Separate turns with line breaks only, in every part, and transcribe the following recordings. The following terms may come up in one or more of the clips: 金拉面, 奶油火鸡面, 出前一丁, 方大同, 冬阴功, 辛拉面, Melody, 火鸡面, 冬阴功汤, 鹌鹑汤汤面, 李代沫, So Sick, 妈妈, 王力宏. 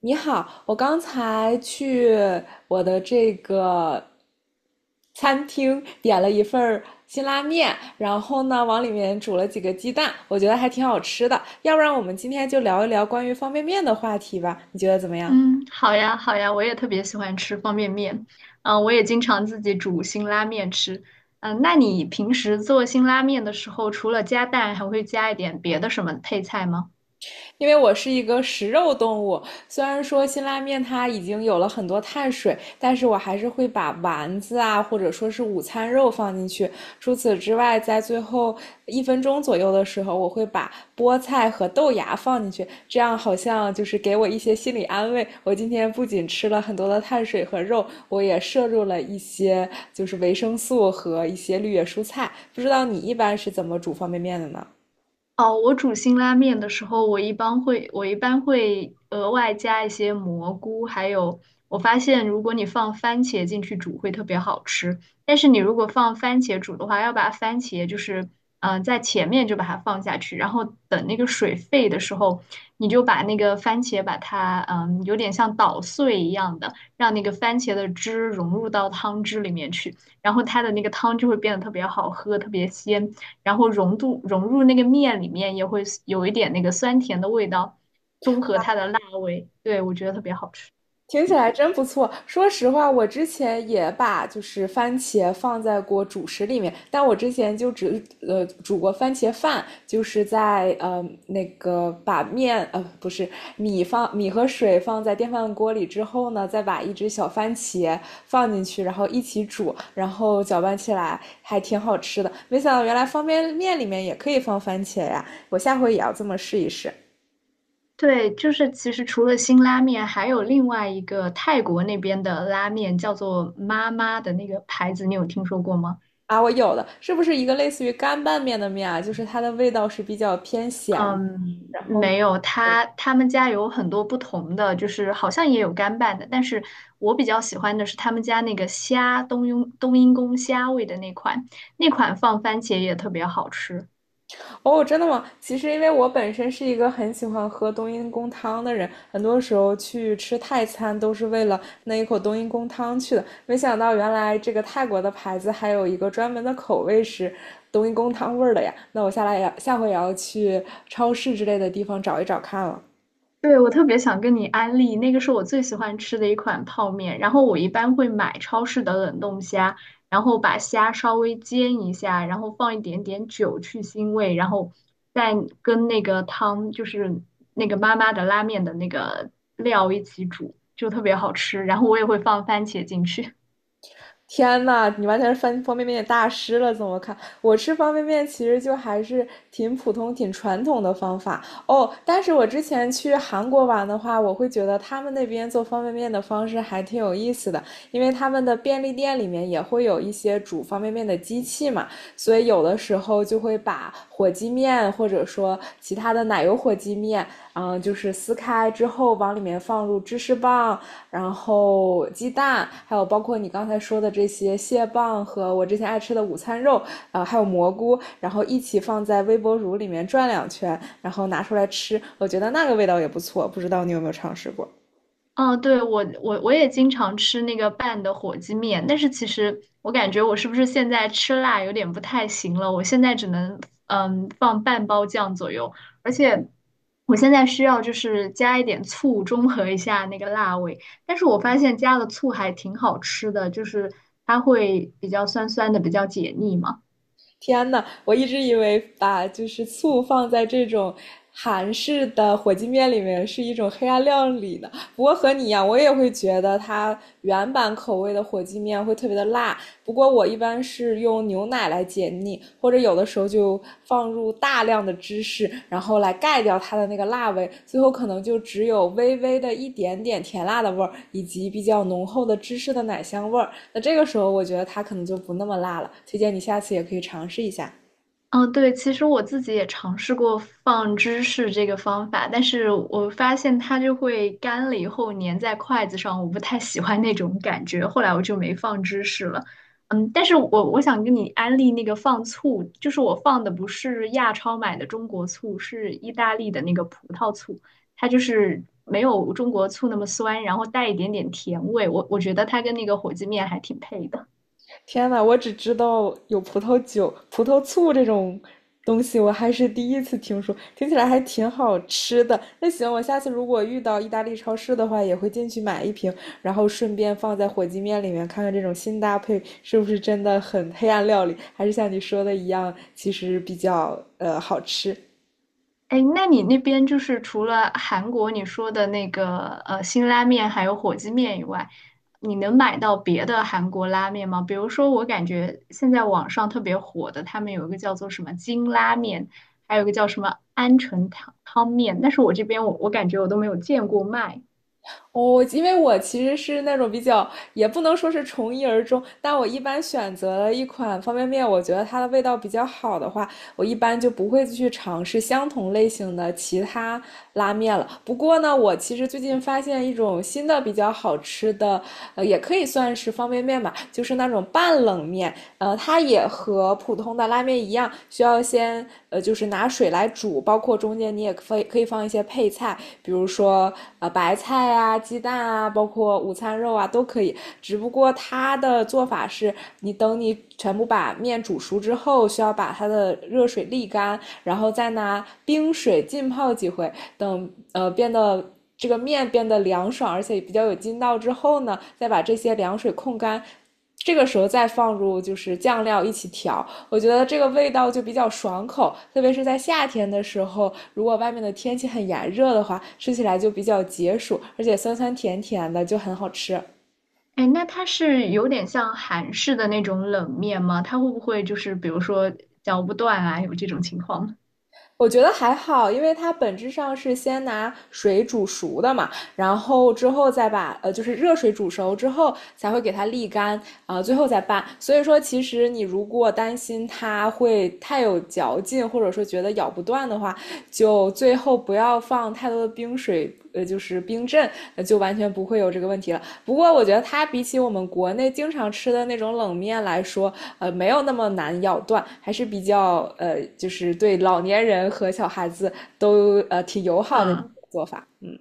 你好，我刚才去我的这个餐厅点了一份儿辛拉面，然后呢，往里面煮了几个鸡蛋，我觉得还挺好吃的。要不然我们今天就聊一聊关于方便面的话题吧，你觉得怎么样？
嗯，好呀，好呀，我也特别喜欢吃方便面，我也经常自己煮辛拉面吃。那你平时做辛拉面的时候，除了加蛋，还会加一点别的什么配菜吗？
因为我是一个食肉动物，虽然说辛拉面它已经有了很多碳水，但是我还是会把丸子啊，或者说是午餐肉放进去。除此之外，在最后一分钟左右的时候，我会把菠菜和豆芽放进去，这样好像就是给我一些心理安慰。我今天不仅吃了很多的碳水和肉，我也摄入了一些就是维生素和一些绿叶蔬菜。不知道你一般是怎么煮方便面的呢？
哦，我煮辛拉面的时候，我一般会额外加一些蘑菇，还有我发现，如果你放番茄进去煮会特别好吃。但是你如果放番茄煮的话，要把番茄就是，在前面就把它放下去，然后等那个水沸的时候，你就把那个番茄把它，有点像捣碎一样的，让那个番茄的汁融入到汤汁里面去，然后它的那个汤就会变得特别好喝，特别鲜。然后融入那个面里面，也会有一点那个酸甜的味道，中和它的辣味。对，我觉得特别好吃。
听起来真不错。说实话，我之前也把就是番茄放在过主食里面，但我之前就只煮过番茄饭，就是在那个不是米放米和水放在电饭锅里之后呢，再把一只小番茄放进去，然后一起煮，然后搅拌起来，还挺好吃的。没想到原来方便面里面也可以放番茄呀！我下回也要这么试一试。
对，就是其实除了辛拉面，还有另外一个泰国那边的拉面，叫做妈妈的那个牌子，你有听说过吗？
啊，我有的，是不是一个类似于干拌面的面啊？就是它的味道是比较偏咸的
嗯，
然后，
没有，他们家有很多不同的，就是好像也有干拌的，但是我比较喜欢的是他们家那个虾冬阴功虾味的那款，那款放番茄也特别好吃。
哦，真的吗？其实因为我本身是一个很喜欢喝冬阴功汤的人，很多时候去吃泰餐都是为了那一口冬阴功汤去的。没想到原来这个泰国的牌子还有一个专门的口味是冬阴功汤味儿的呀。那我下回也要去超市之类的地方找一找看了。
对，我特别想跟你安利，那个是我最喜欢吃的一款泡面。然后我一般会买超市的冷冻虾，然后把虾稍微煎一下，然后放一点点酒去腥味，然后再跟那个汤，就是那个妈妈的拉面的那个料一起煮，就特别好吃。然后我也会放番茄进去。
天呐，你完全是翻方便面大师了，怎么看？我吃方便面其实就还是挺普通、挺传统的方法哦。但是我之前去韩国玩的话，我会觉得他们那边做方便面的方式还挺有意思的，因为他们的便利店里面也会有一些煮方便面的机器嘛，所以有的时候就会把火鸡面或者说其他的奶油火鸡面，就是撕开之后往里面放入芝士棒，然后鸡蛋，还有包括你刚才说的这些蟹棒和我之前爱吃的午餐肉，还有蘑菇，然后一起放在微波炉里面转两圈，然后拿出来吃，我觉得那个味道也不错，不知道你有没有尝试过？
哦，对，我也经常吃那个拌的火鸡面，但是其实我感觉我是不是现在吃辣有点不太行了？我现在只能放半包酱左右，而且我现在需要就是加一点醋中和一下那个辣味，但是我发现加了醋还挺好吃的，就是它会比较酸酸的，比较解腻嘛。
天呐，我一直以为把就是醋放在这种韩式的火鸡面里面是一种黑暗料理呢。不过和你一样，我也会觉得它原版口味的火鸡面会特别的辣。不过我一般是用牛奶来解腻，或者有的时候就放入大量的芝士，然后来盖掉它的那个辣味，最后可能就只有微微的一点点甜辣的味儿，以及比较浓厚的芝士的奶香味儿。那这个时候我觉得它可能就不那么辣了，推荐你下次也可以尝试一下。
嗯，对，其实我自己也尝试过放芝士这个方法，但是我发现它就会干了以后粘在筷子上，我不太喜欢那种感觉，后来我就没放芝士了。但是我想跟你安利那个放醋，就是我放的不是亚超买的中国醋，是意大利的那个葡萄醋，它就是没有中国醋那么酸，然后带一点点甜味，我觉得它跟那个火鸡面还挺配的。
天呐，我只知道有葡萄酒、葡萄醋这种东西，我还是第一次听说，听起来还挺好吃的。那行，我下次如果遇到意大利超市的话，也会进去买一瓶，然后顺便放在火鸡面里面，看看这种新搭配是不是真的很黑暗料理，还是像你说的一样，其实比较好吃。
哎，那你那边就是除了韩国你说的那个辛拉面还有火鸡面以外，你能买到别的韩国拉面吗？比如说，我感觉现在网上特别火的，他们有一个叫做什么金拉面，还有一个叫什么鹌鹑汤汤面，但是我这边我感觉我都没有见过卖。
哦，因为我其实是那种比较，也不能说是从一而终，但我一般选择了一款方便面，我觉得它的味道比较好的话，我一般就不会去尝试相同类型的其他拉面了。不过呢，我其实最近发现一种新的比较好吃的，也可以算是方便面吧，就是那种半冷面，呃，它也和普通的拉面一样，需要先就是拿水来煮，包括中间你也可以放一些配菜，比如说白菜啊、鸡蛋啊，包括午餐肉啊都可以。只不过它的做法是，你等你全部把面煮熟之后，需要把它的热水沥干，然后再拿冰水浸泡几回，等呃变得。这个面变得凉爽，而且比较有筋道之后呢，再把这些凉水控干，这个时候再放入就是酱料一起调，我觉得这个味道就比较爽口，特别是在夏天的时候，如果外面的天气很炎热的话，吃起来就比较解暑，而且酸酸甜甜的就很好吃。
哎，那它是有点像韩式的那种冷面吗？它会不会就是比如说嚼不断啊，有这种情况？
我觉得还好，因为它本质上是先拿水煮熟的嘛，然后之后再把就是热水煮熟之后才会给它沥干啊、最后再拌。所以说，其实你如果担心它会太有嚼劲，或者说觉得咬不断的话，就最后不要放太多的冰水，就是冰镇，就完全不会有这个问题了。不过我觉得它比起我们国内经常吃的那种冷面来说，没有那么难咬断，还是比较就是对老年人和小孩子都挺友好的
嗯。
做法。嗯，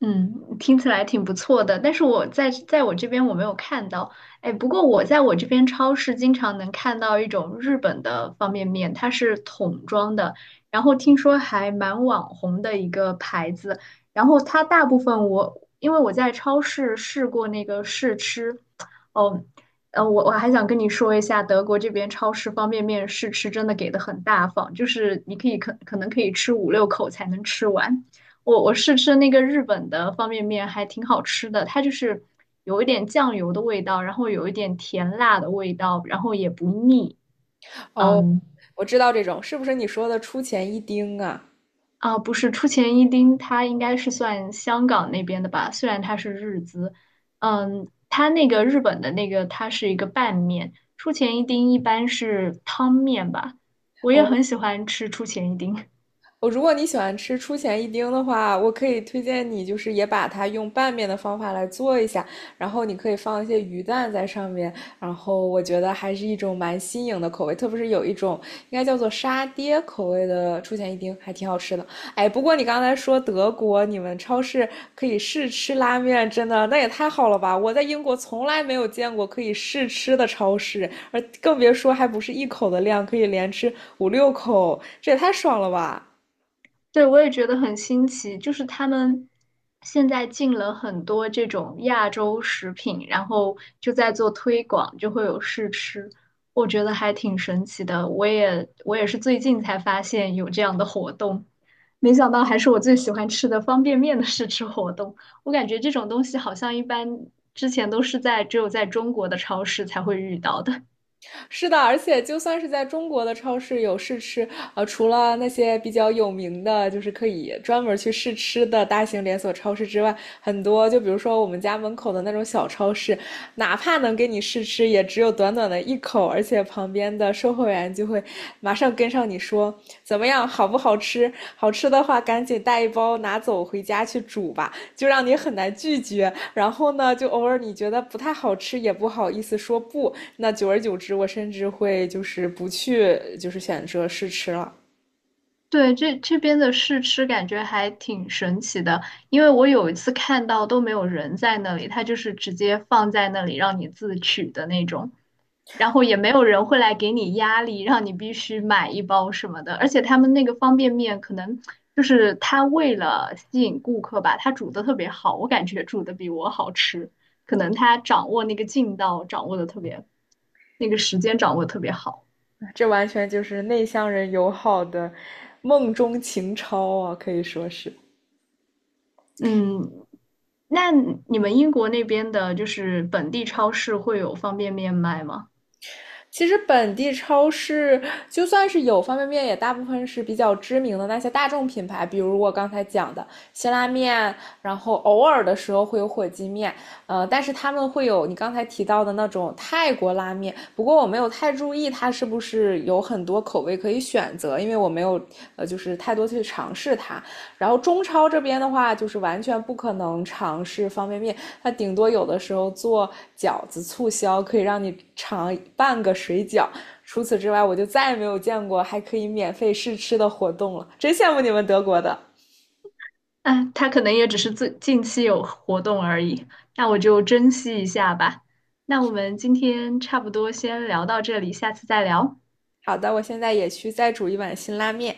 嗯，听起来挺不错的，但是我在我这边我没有看到。哎，不过我在我这边超市经常能看到一种日本的方便面，它是桶装的，然后听说还蛮网红的一个牌子。然后它大部分我因为我在超市试过那个试吃，哦，我还想跟你说一下，德国这边超市方便面试吃真的给的很大方，就是你可能可以吃五六口才能吃完。我试吃那个日本的方便面还挺好吃的，它就是有一点酱油的味道，然后有一点甜辣的味道，然后也不腻。
哦，
嗯
我知道这种是不是你说的出前一丁啊？
啊，不是出前一丁，它应该是算香港那边的吧，虽然它是日资。嗯，它那个日本的那个它是一个拌面，出前一丁一般是汤面吧，我也
哦。
很喜欢吃出前一丁。
我如果你喜欢吃出前一丁的话，我可以推荐你，就是也把它用拌面的方法来做一下，然后你可以放一些鱼蛋在上面，然后我觉得还是一种蛮新颖的口味，特别是有一种应该叫做沙爹口味的出前一丁，还挺好吃的。哎，不过你刚才说德国你们超市可以试吃拉面，真的那也太好了吧！我在英国从来没有见过可以试吃的超市，而更别说还不是一口的量，可以连吃五六口，这也太爽了吧！
对，我也觉得很新奇，就是他们现在进了很多这种亚洲食品，然后就在做推广，就会有试吃，我觉得还挺神奇的。我也是最近才发现有这样的活动，没想到还是我最喜欢吃的方便面的试吃活动。我感觉这种东西好像一般之前都是在只有在中国的超市才会遇到的。
是的，而且就算是在中国的超市有试吃，除了那些比较有名的，就是可以专门去试吃的大型连锁超市之外，很多就比如说我们家门口的那种小超市，哪怕能给你试吃，也只有短短的一口，而且旁边的售货员就。就会马上跟上你说怎么样，好不好吃？好吃的话，赶紧带一包拿走回家去煮吧，就让你很难拒绝。然后呢，就偶尔你觉得不太好吃，也不好意思说不。那久而久之，我甚至会就是不去，就是选择试吃了。
对，这边的试吃感觉还挺神奇的，因为我有一次看到都没有人在那里，他就是直接放在那里让你自取的那种，然后也没有人会来给你压力，让你必须买一包什么的。而且他们那个方便面可能就是他为了吸引顾客吧，他煮的特别好，我感觉煮的比我好吃，可能他掌握那个劲道掌握的特别，那个时间掌握得特别好。
这完全就是内向人友好的梦中情超啊，可以说是。
嗯，那你们英国那边的，就是本地超市会有方便面卖吗？
其实本地超市就算是有方便面，也大部分是比较知名的那些大众品牌，比如我刚才讲的辛拉面，然后偶尔的时候会有火鸡面，但是他们会有你刚才提到的那种泰国拉面，不过我没有太注意它是不是有很多口味可以选择，因为我没有就是太多去尝试它。然后中超这边的话，就是完全不可能尝试方便面，它顶多有的时候做饺子促销，可以让你尝半个水饺。除此之外，我就再也没有见过还可以免费试吃的活动了，真羡慕你们德国的。
哎，它可能也只是最近期有活动而已，那我就珍惜一下吧。那我们今天差不多先聊到这里，下次再聊。
好的，我现在也去再煮一碗辛拉面。